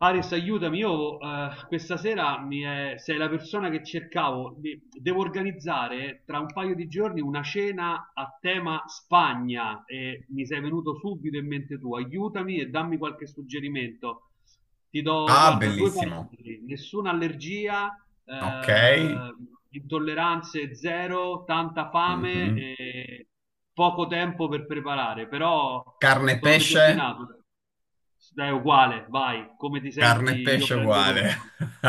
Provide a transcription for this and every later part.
Aris, aiutami, io questa sera sei la persona che cercavo. Devo organizzare tra un paio di giorni una cena a tema Spagna e mi sei venuto subito in mente tu. Aiutami e dammi qualche suggerimento. Ti do, Ah, guarda, due bellissimo. parametri, nessuna allergia, Ok. eh, intolleranze zero, tanta fame Mhm. e poco tempo per preparare, però Carne e sono pesce? determinato. Dai, uguale, vai, come ti Carne senti e io pesce prendo uguale. tutto.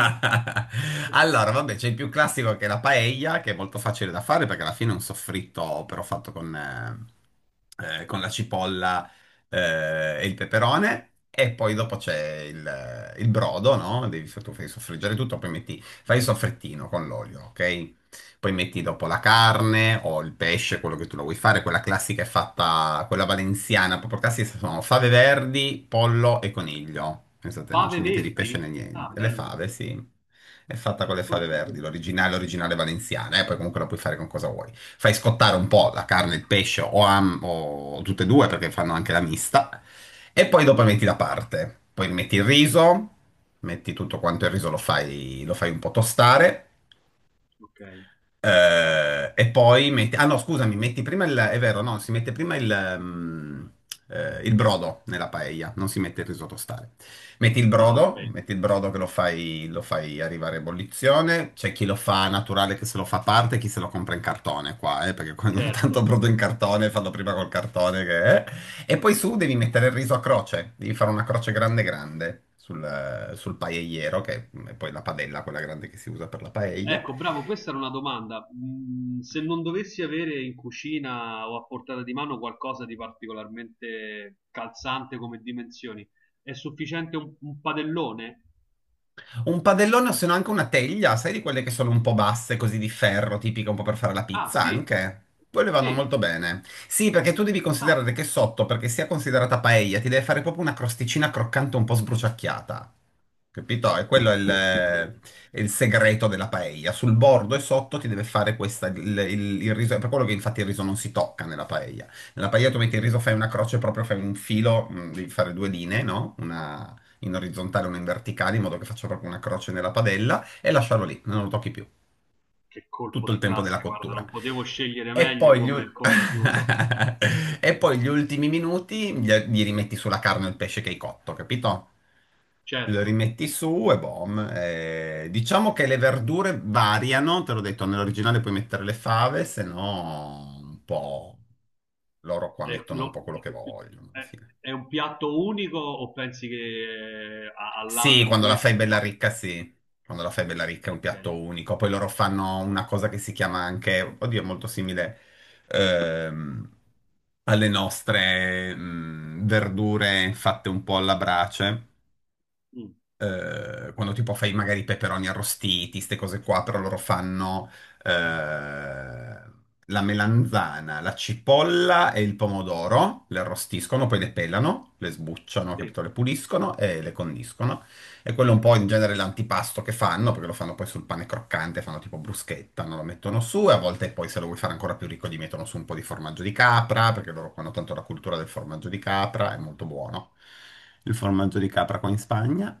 Allora, vabbè, c'è il più classico che è la paella, che è molto facile da fare perché alla fine è un soffritto però fatto con la cipolla, e il peperone. E poi dopo c'è il brodo, no? Devi, tu fai soffriggere tutto, poi metti, fai il soffrettino con l'olio, ok? Poi metti dopo la carne o il pesce, quello che tu lo vuoi fare, quella classica è fatta, quella valenziana, proprio classica sono fave verdi, pollo e coniglio. Pensate, non c'è Pave niente di pesce né Verdi? Ah, niente. Le bello fave, questo. sì. È fatta con le fave Questa è verdi, bella. l'originale, l'originale valenziana, e poi comunque la puoi fare con cosa vuoi. Fai scottare un po' la carne, il pesce o, o tutte e due perché fanno anche la mista, e poi dopo Mm, metti da parte. Poi metti il riso, metti tutto quanto il riso, lo fai un po' tostare, ok. E poi metti, ah no, scusami, metti prima il, è vero, no, si mette prima il brodo nella paella, non si mette il risotto a stare. Ah, ok, Metti il brodo che lo fai arrivare a ebollizione. C'è chi lo fa naturale che se lo fa a parte, chi se lo compra in cartone qua, perché quando hanno tanto certo. brodo in cartone, fanno prima col cartone che. E poi su devi mettere il riso a croce, devi fare una croce grande grande sul paelliero, che è poi la padella, quella grande che si usa per la paella. Ecco, bravo, questa era una domanda. Mm, se non dovessi avere in cucina o a portata di mano qualcosa di particolarmente calzante come dimensioni, è sufficiente un padellone? Un padellone o se no anche una teglia, sai di quelle che sono un po' basse, così di ferro, tipica un po' per fare la Ah, pizza sì, anche? Quelle vanno sì. molto bene. Sì, perché tu devi Ah, considerare che sotto, perché sia considerata paella, ti deve fare proprio una crosticina croccante un po' sbruciacchiata. Capito? E ah, quello è il, vedi, vedi. è il segreto della paella. Sul bordo e sotto ti deve fare questa, il riso, è per quello che infatti il riso non si tocca nella paella. Nella paella tu metti il riso, fai Certo. una croce, proprio fai un filo, devi fare due linee, no? Una in orizzontale e una in verticale, in modo che faccia proprio una croce nella padella e lasciarlo lì, non lo tocchi più, Che colpo tutto il di tempo della classe, guarda, cottura. non potevo scegliere E meglio poi come, come aiuto. e poi gli ultimi minuti gli rimetti sulla carne o il pesce che hai cotto, capito? Lo Certo, rimetti su e boom. Diciamo che le verdure variano, te l'ho detto, nell'originale puoi mettere le fave, se no un po'... Loro qua eh, mettono un po' lo- quello che vogliono alla fine. è un piatto unico o pensi che al Sì, lato di quando la fai questo ci bella possa... ricca, sì. Quando la fai bella ricca è un Ok, piatto unico. Poi loro fanno una cosa che si chiama anche, oddio, è molto simile, ehm, alle nostre verdure fatte un po' alla brace. Mm, Quando tipo fai magari i peperoni arrostiti, queste cose qua, però loro fanno eh, la melanzana, la cipolla e il pomodoro, le arrostiscono, poi le pelano, le sbucciano, sì. capito? Le puliscono e le condiscono. E quello è un po' in genere l'antipasto che fanno, perché lo fanno poi sul pane croccante, fanno tipo bruschetta, non lo mettono su e a volte poi se lo vuoi fare ancora più ricco gli mettono su un po' di formaggio di capra, perché loro hanno tanto la cultura del formaggio di capra, è molto buono. Il formaggio di capra qua in Spagna.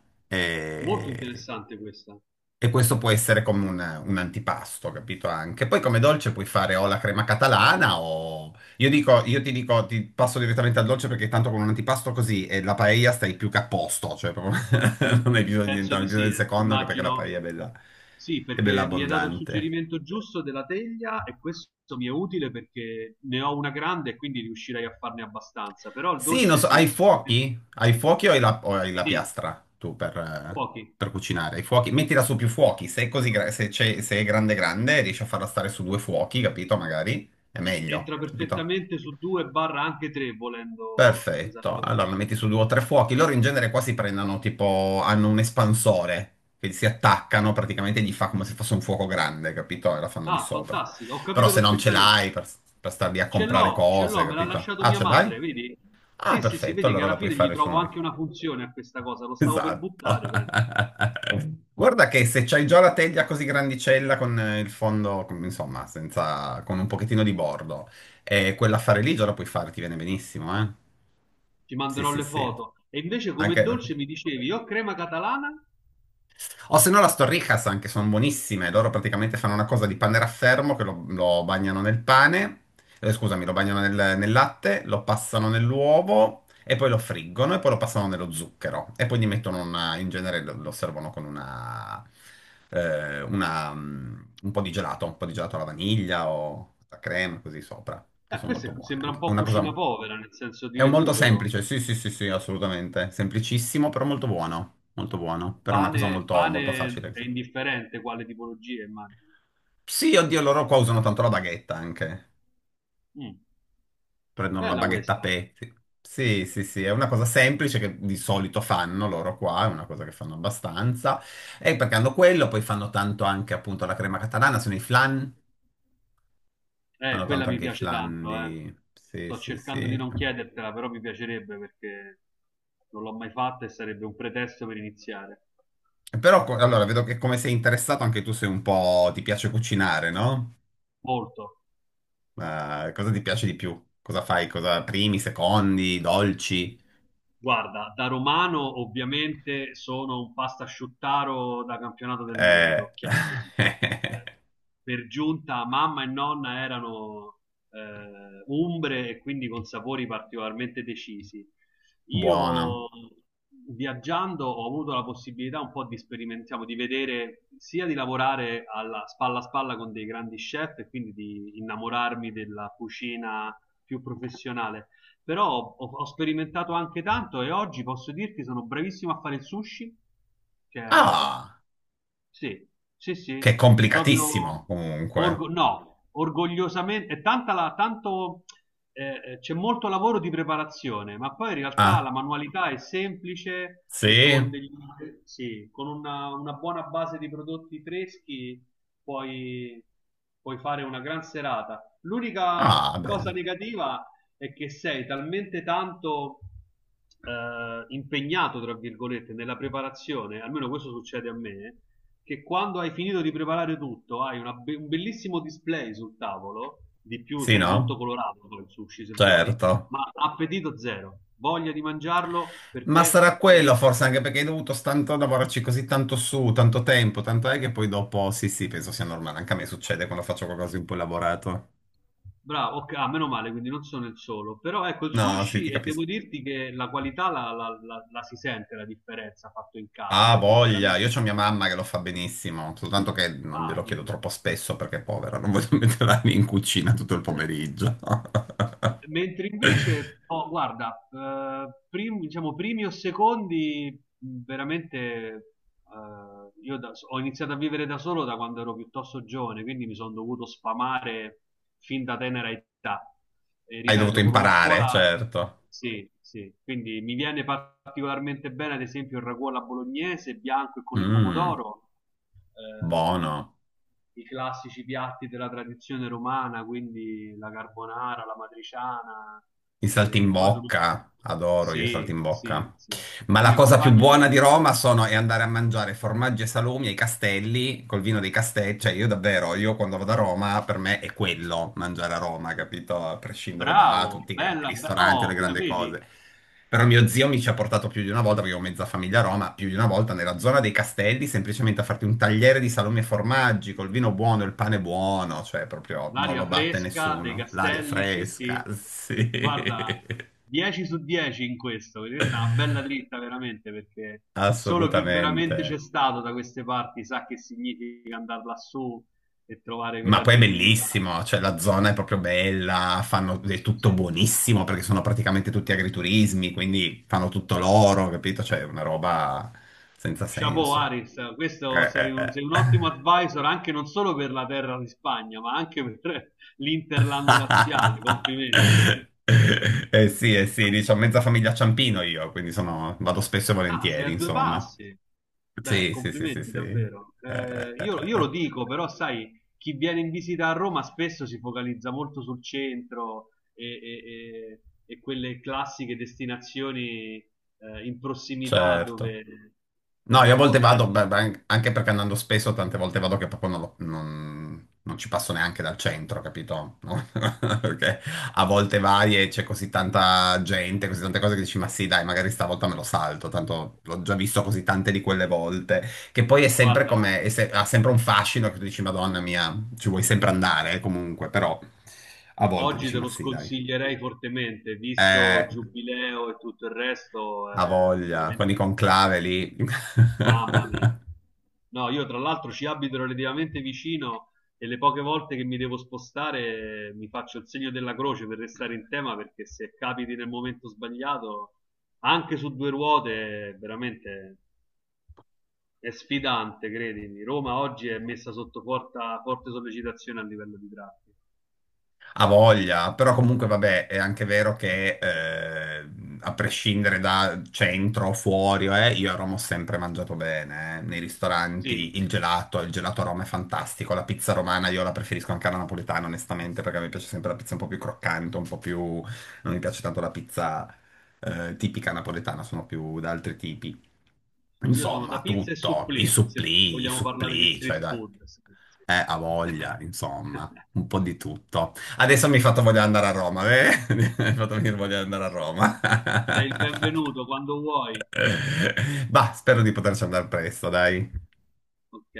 Molto E, interessante questa. e questo può essere come un antipasto, capito? Anche. Poi come dolce puoi fare o la crema catalana o... Io dico, io ti dico, ti passo direttamente al dolce perché tanto con un antipasto così e la paella stai più che a posto, cioè proprio non hai bisogno di Penso entrare di nel sì, del eh. secondo anche perché la Immagino. paella Sì, è bella perché mi hai dato il abbondante. suggerimento giusto della teglia e questo mi è utile perché ne ho una grande e quindi riuscirei a farne abbastanza, però il Sì, non dolce so, sì, hai sicuramente. fuochi? Hai fuochi o hai o hai la Sì, piastra tu pochi. per cucinare? Hai fuochi? Mettila su più fuochi, se è così, se è grande grande riesci a farla stare su due fuochi, capito? Magari è meglio, Entra capito? perfettamente su due barra anche tre, volendo Perfetto, allora la esagerare. metti su due o tre fuochi, loro in genere qua si prendono tipo, hanno un espansore che si attaccano praticamente e gli fa come se fosse un fuoco grande, capito? E la fanno lì Ah, sopra. fantastico, ho Però capito se non ce perfettamente. l'hai per star lì a comprare Ce l'ho, cose, me l'ha capito? lasciato Ah, mia ce l'hai? madre, vedi? Ah, Sì, sì, sì, perfetto, vedi che allora alla la puoi fine gli fare su trovo uno. anche una funzione a questa cosa, lo stavo per Esatto. buttare, penso. Guarda che se c'hai già la teglia così grandicella con il fondo, insomma, senza, con un pochettino di bordo, e quella a fare lì già la puoi fare, ti viene benissimo, eh? Ti Sì, manderò sì, le sì. foto. E invece come dolce Anche... mi dicevi, io crema catalana? O se no las torrijas anche, sono buonissime. Loro praticamente fanno una cosa di panne raffermo che lo bagnano nel pane, scusami, lo bagnano nel latte, lo passano nell'uovo e poi lo friggono e poi lo passano nello zucchero. E poi gli mettono una, in genere lo servono con una, un po' di gelato, un po' di gelato alla vaniglia o alla crema, così sopra, che sono molto buone Sembra un anche. È po' una cosa cucina povera, nel senso di è un molto recupero. semplice, sì, sì, sì, sì, assolutamente. Semplicissimo, però molto buono. Molto buono. Per una cosa Pane, molto, molto pane facile. è indifferente quale tipologia, immagino. Sì, oddio, loro qua usano tanto la baghetta anche. Mm. Prendono la Bella baghetta a questa. pezzi. Sì, sì, sì, sì, è una cosa semplice che di solito fanno loro qua, è una cosa che fanno abbastanza. E perché hanno quello, poi fanno tanto anche appunto la crema catalana, sono i flan. Fanno Quella tanto mi anche i piace flan tanto, eh. di... Sì, Sto sì, cercando di sì. non chiedertela, però mi piacerebbe perché non l'ho mai fatta e sarebbe un pretesto per iniziare. Però, allora, vedo che come sei interessato anche tu sei un po'... ti piace cucinare, no? Molto. Ma cosa ti piace di più? Cosa fai? Cosa primi, secondi, dolci? Guarda, da romano ovviamente sono un pastasciuttaro da campionato del Eh, mondo, chiaramente. Eh, Per giunta mamma e nonna erano umbre e quindi con sapori particolarmente decisi. Buono. Io viaggiando ho avuto la possibilità un po' di sperimentare, di vedere, sia di lavorare alla spalla a spalla con dei grandi chef e quindi di innamorarmi della cucina più professionale però ho sperimentato anche tanto e oggi posso dirti sono bravissimo a fare il sushi, cioè Ah, sì, sì, sì, che è complicatissimo proprio comunque. orgo- no, orgogliosamente, è tanta tanto, c'è molto lavoro di preparazione, ma poi in realtà Ah, la manualità è semplice e sì? con degli, sì, con una buona base di prodotti freschi puoi, puoi fare una gran serata. L'unica Ah, cosa bello. negativa è che sei talmente tanto impegnato, tra virgolette, nella preparazione, almeno questo succede a me, che quando hai finito di preparare tutto hai un bellissimo display sul tavolo, di più, Sì, sai, è molto no? colorato poi il sushi se vuoi, Certo. ma appetito zero, voglia di mangiarlo per Ma te sarà quello zero. forse anche perché hai dovuto tanto lavorarci così tanto su, tanto tempo, tanto è che poi dopo, sì, sì, penso sia normale. Anche a me succede quando faccio qualcosa di un po' elaborato. Bravo, ok, ah, meno male, quindi non sono il solo. Però ecco il No, sì, sushi ti e capisco. devo dirti che la qualità la si sente la differenza fatto in casa, Ah, perché voglia, chiaramente... io ho mia mamma che lo fa benissimo, soltanto che non glielo Ah, chiedo vedi. troppo spesso perché è povera, non voglio metterla lì in cucina tutto il pomeriggio. Mentre invece, oh, guarda, diciamo primi o secondi, veramente, io ho iniziato a vivere da solo da quando ero piuttosto giovane, quindi mi sono dovuto sfamare fin da tenera età. E Hai dovuto ripeto, con una imparare, scuola, certo. sì, sì, quindi mi viene particolarmente bene, ad esempio, il ragù alla bolognese, bianco e con il Mm, pomodoro. Ehm, buono. I classici piatti della tradizione romana, quindi la carbonara, la matriciana, Il poi sono... saltimbocca, adoro io il Sì, sì, saltimbocca. sì. Ma La la mia cosa più compagna... buona adora. di Roma sono, è andare a mangiare formaggi e salumi ai castelli, col vino dei castelli. Cioè, io davvero, io quando vado a Roma, per me è quello, mangiare a Roma, capito? A prescindere da Bravo, tutti i grandi bella, ristoranti o le oh, fino a grandi vedi cose. Però mio zio mi ci ha portato più di una volta, perché ho mezza famiglia a Roma, più di una volta nella zona dei castelli, semplicemente a farti un tagliere di salumi e formaggi, col vino buono, il pane buono, cioè proprio non l'aria lo batte fresca dei nessuno. L'aria castelli, sì, fresca, sì. sì, Guarda, 10 su 10 in questo, perché questa è una bella dritta veramente, perché solo chi veramente c'è assolutamente. stato da queste parti sa che significa andare lassù e trovare Ma quella poi è genuinità. bellissimo, cioè la zona è proprio bella, fanno è tutto Sì. buonissimo perché sono praticamente tutti agriturismi, quindi fanno tutto loro, capito? Cioè è una roba senza Chapeau senso. Aris, Eh, questo sei eh, sei un ottimo eh. advisor anche non solo per la terra di Spagna, ma anche per l'Interland laziale. Complimenti. Sì, eh sì, diciamo mezza famiglia Ciampino io, quindi sono, vado spesso e Ah, sei volentieri, a due insomma. passi. Beh, Sì, sì, sì, sì, complimenti sì. Davvero. eh, eh, Io eh. lo eh. dico, però sai, chi viene in visita a Roma spesso si focalizza molto sul centro e- e quelle classiche destinazioni in prossimità Certo. No, dove io a un po' volte da vado, adesso, beh, beh, anche perché andando spesso, tante volte vado che proprio non, non ci passo neanche dal centro, capito? No? Perché a volte vai e c'è così tanta gente, così tante cose che dici, ma sì, dai, magari stavolta me lo salto, tanto l'ho già visto così tante di quelle volte, che poi è sempre guarda. come, è se- ha sempre un fascino che tu dici, Madonna mia, ci vuoi sempre andare, comunque, però a volte Oggi dici, te ma lo sì, dai. sconsiglierei fortemente, visto Eh, Giubileo e tutto il resto, ha è voglia, con i veramente, conclave lì. mamma mia. No, io tra l'altro ci abito relativamente vicino e le poche volte che mi devo spostare mi faccio il segno della croce per restare in tema perché se capiti nel momento sbagliato, anche su due ruote, veramente è sfidante, credimi. Roma oggi è messa sotto forte sollecitazione a livello di traffico. Ha voglia, però comunque vabbè, è anche vero che a prescindere da centro o fuori, io a Roma ho sempre mangiato bene, eh. Nei Sì, ristoranti, il gelato a Roma è fantastico, la pizza romana io la preferisco anche alla napoletana onestamente perché mi piace sempre la pizza un po' più croccante, un po' più... non mi piace tanto la pizza tipica napoletana, sono più da altri tipi. io sono da Insomma, pizza e tutto, supplì, se i vogliamo parlare di supplì, cioè street dai, food. Sì, sì. Ha voglia, insomma, un po' di tutto. Adesso mi hai fatto voglia di andare a Roma, eh? Mi hai fatto venire voglia di andare a Roma. Sei il benvenuto quando vuoi. Bah, spero di poterci andare presto, dai. Ok.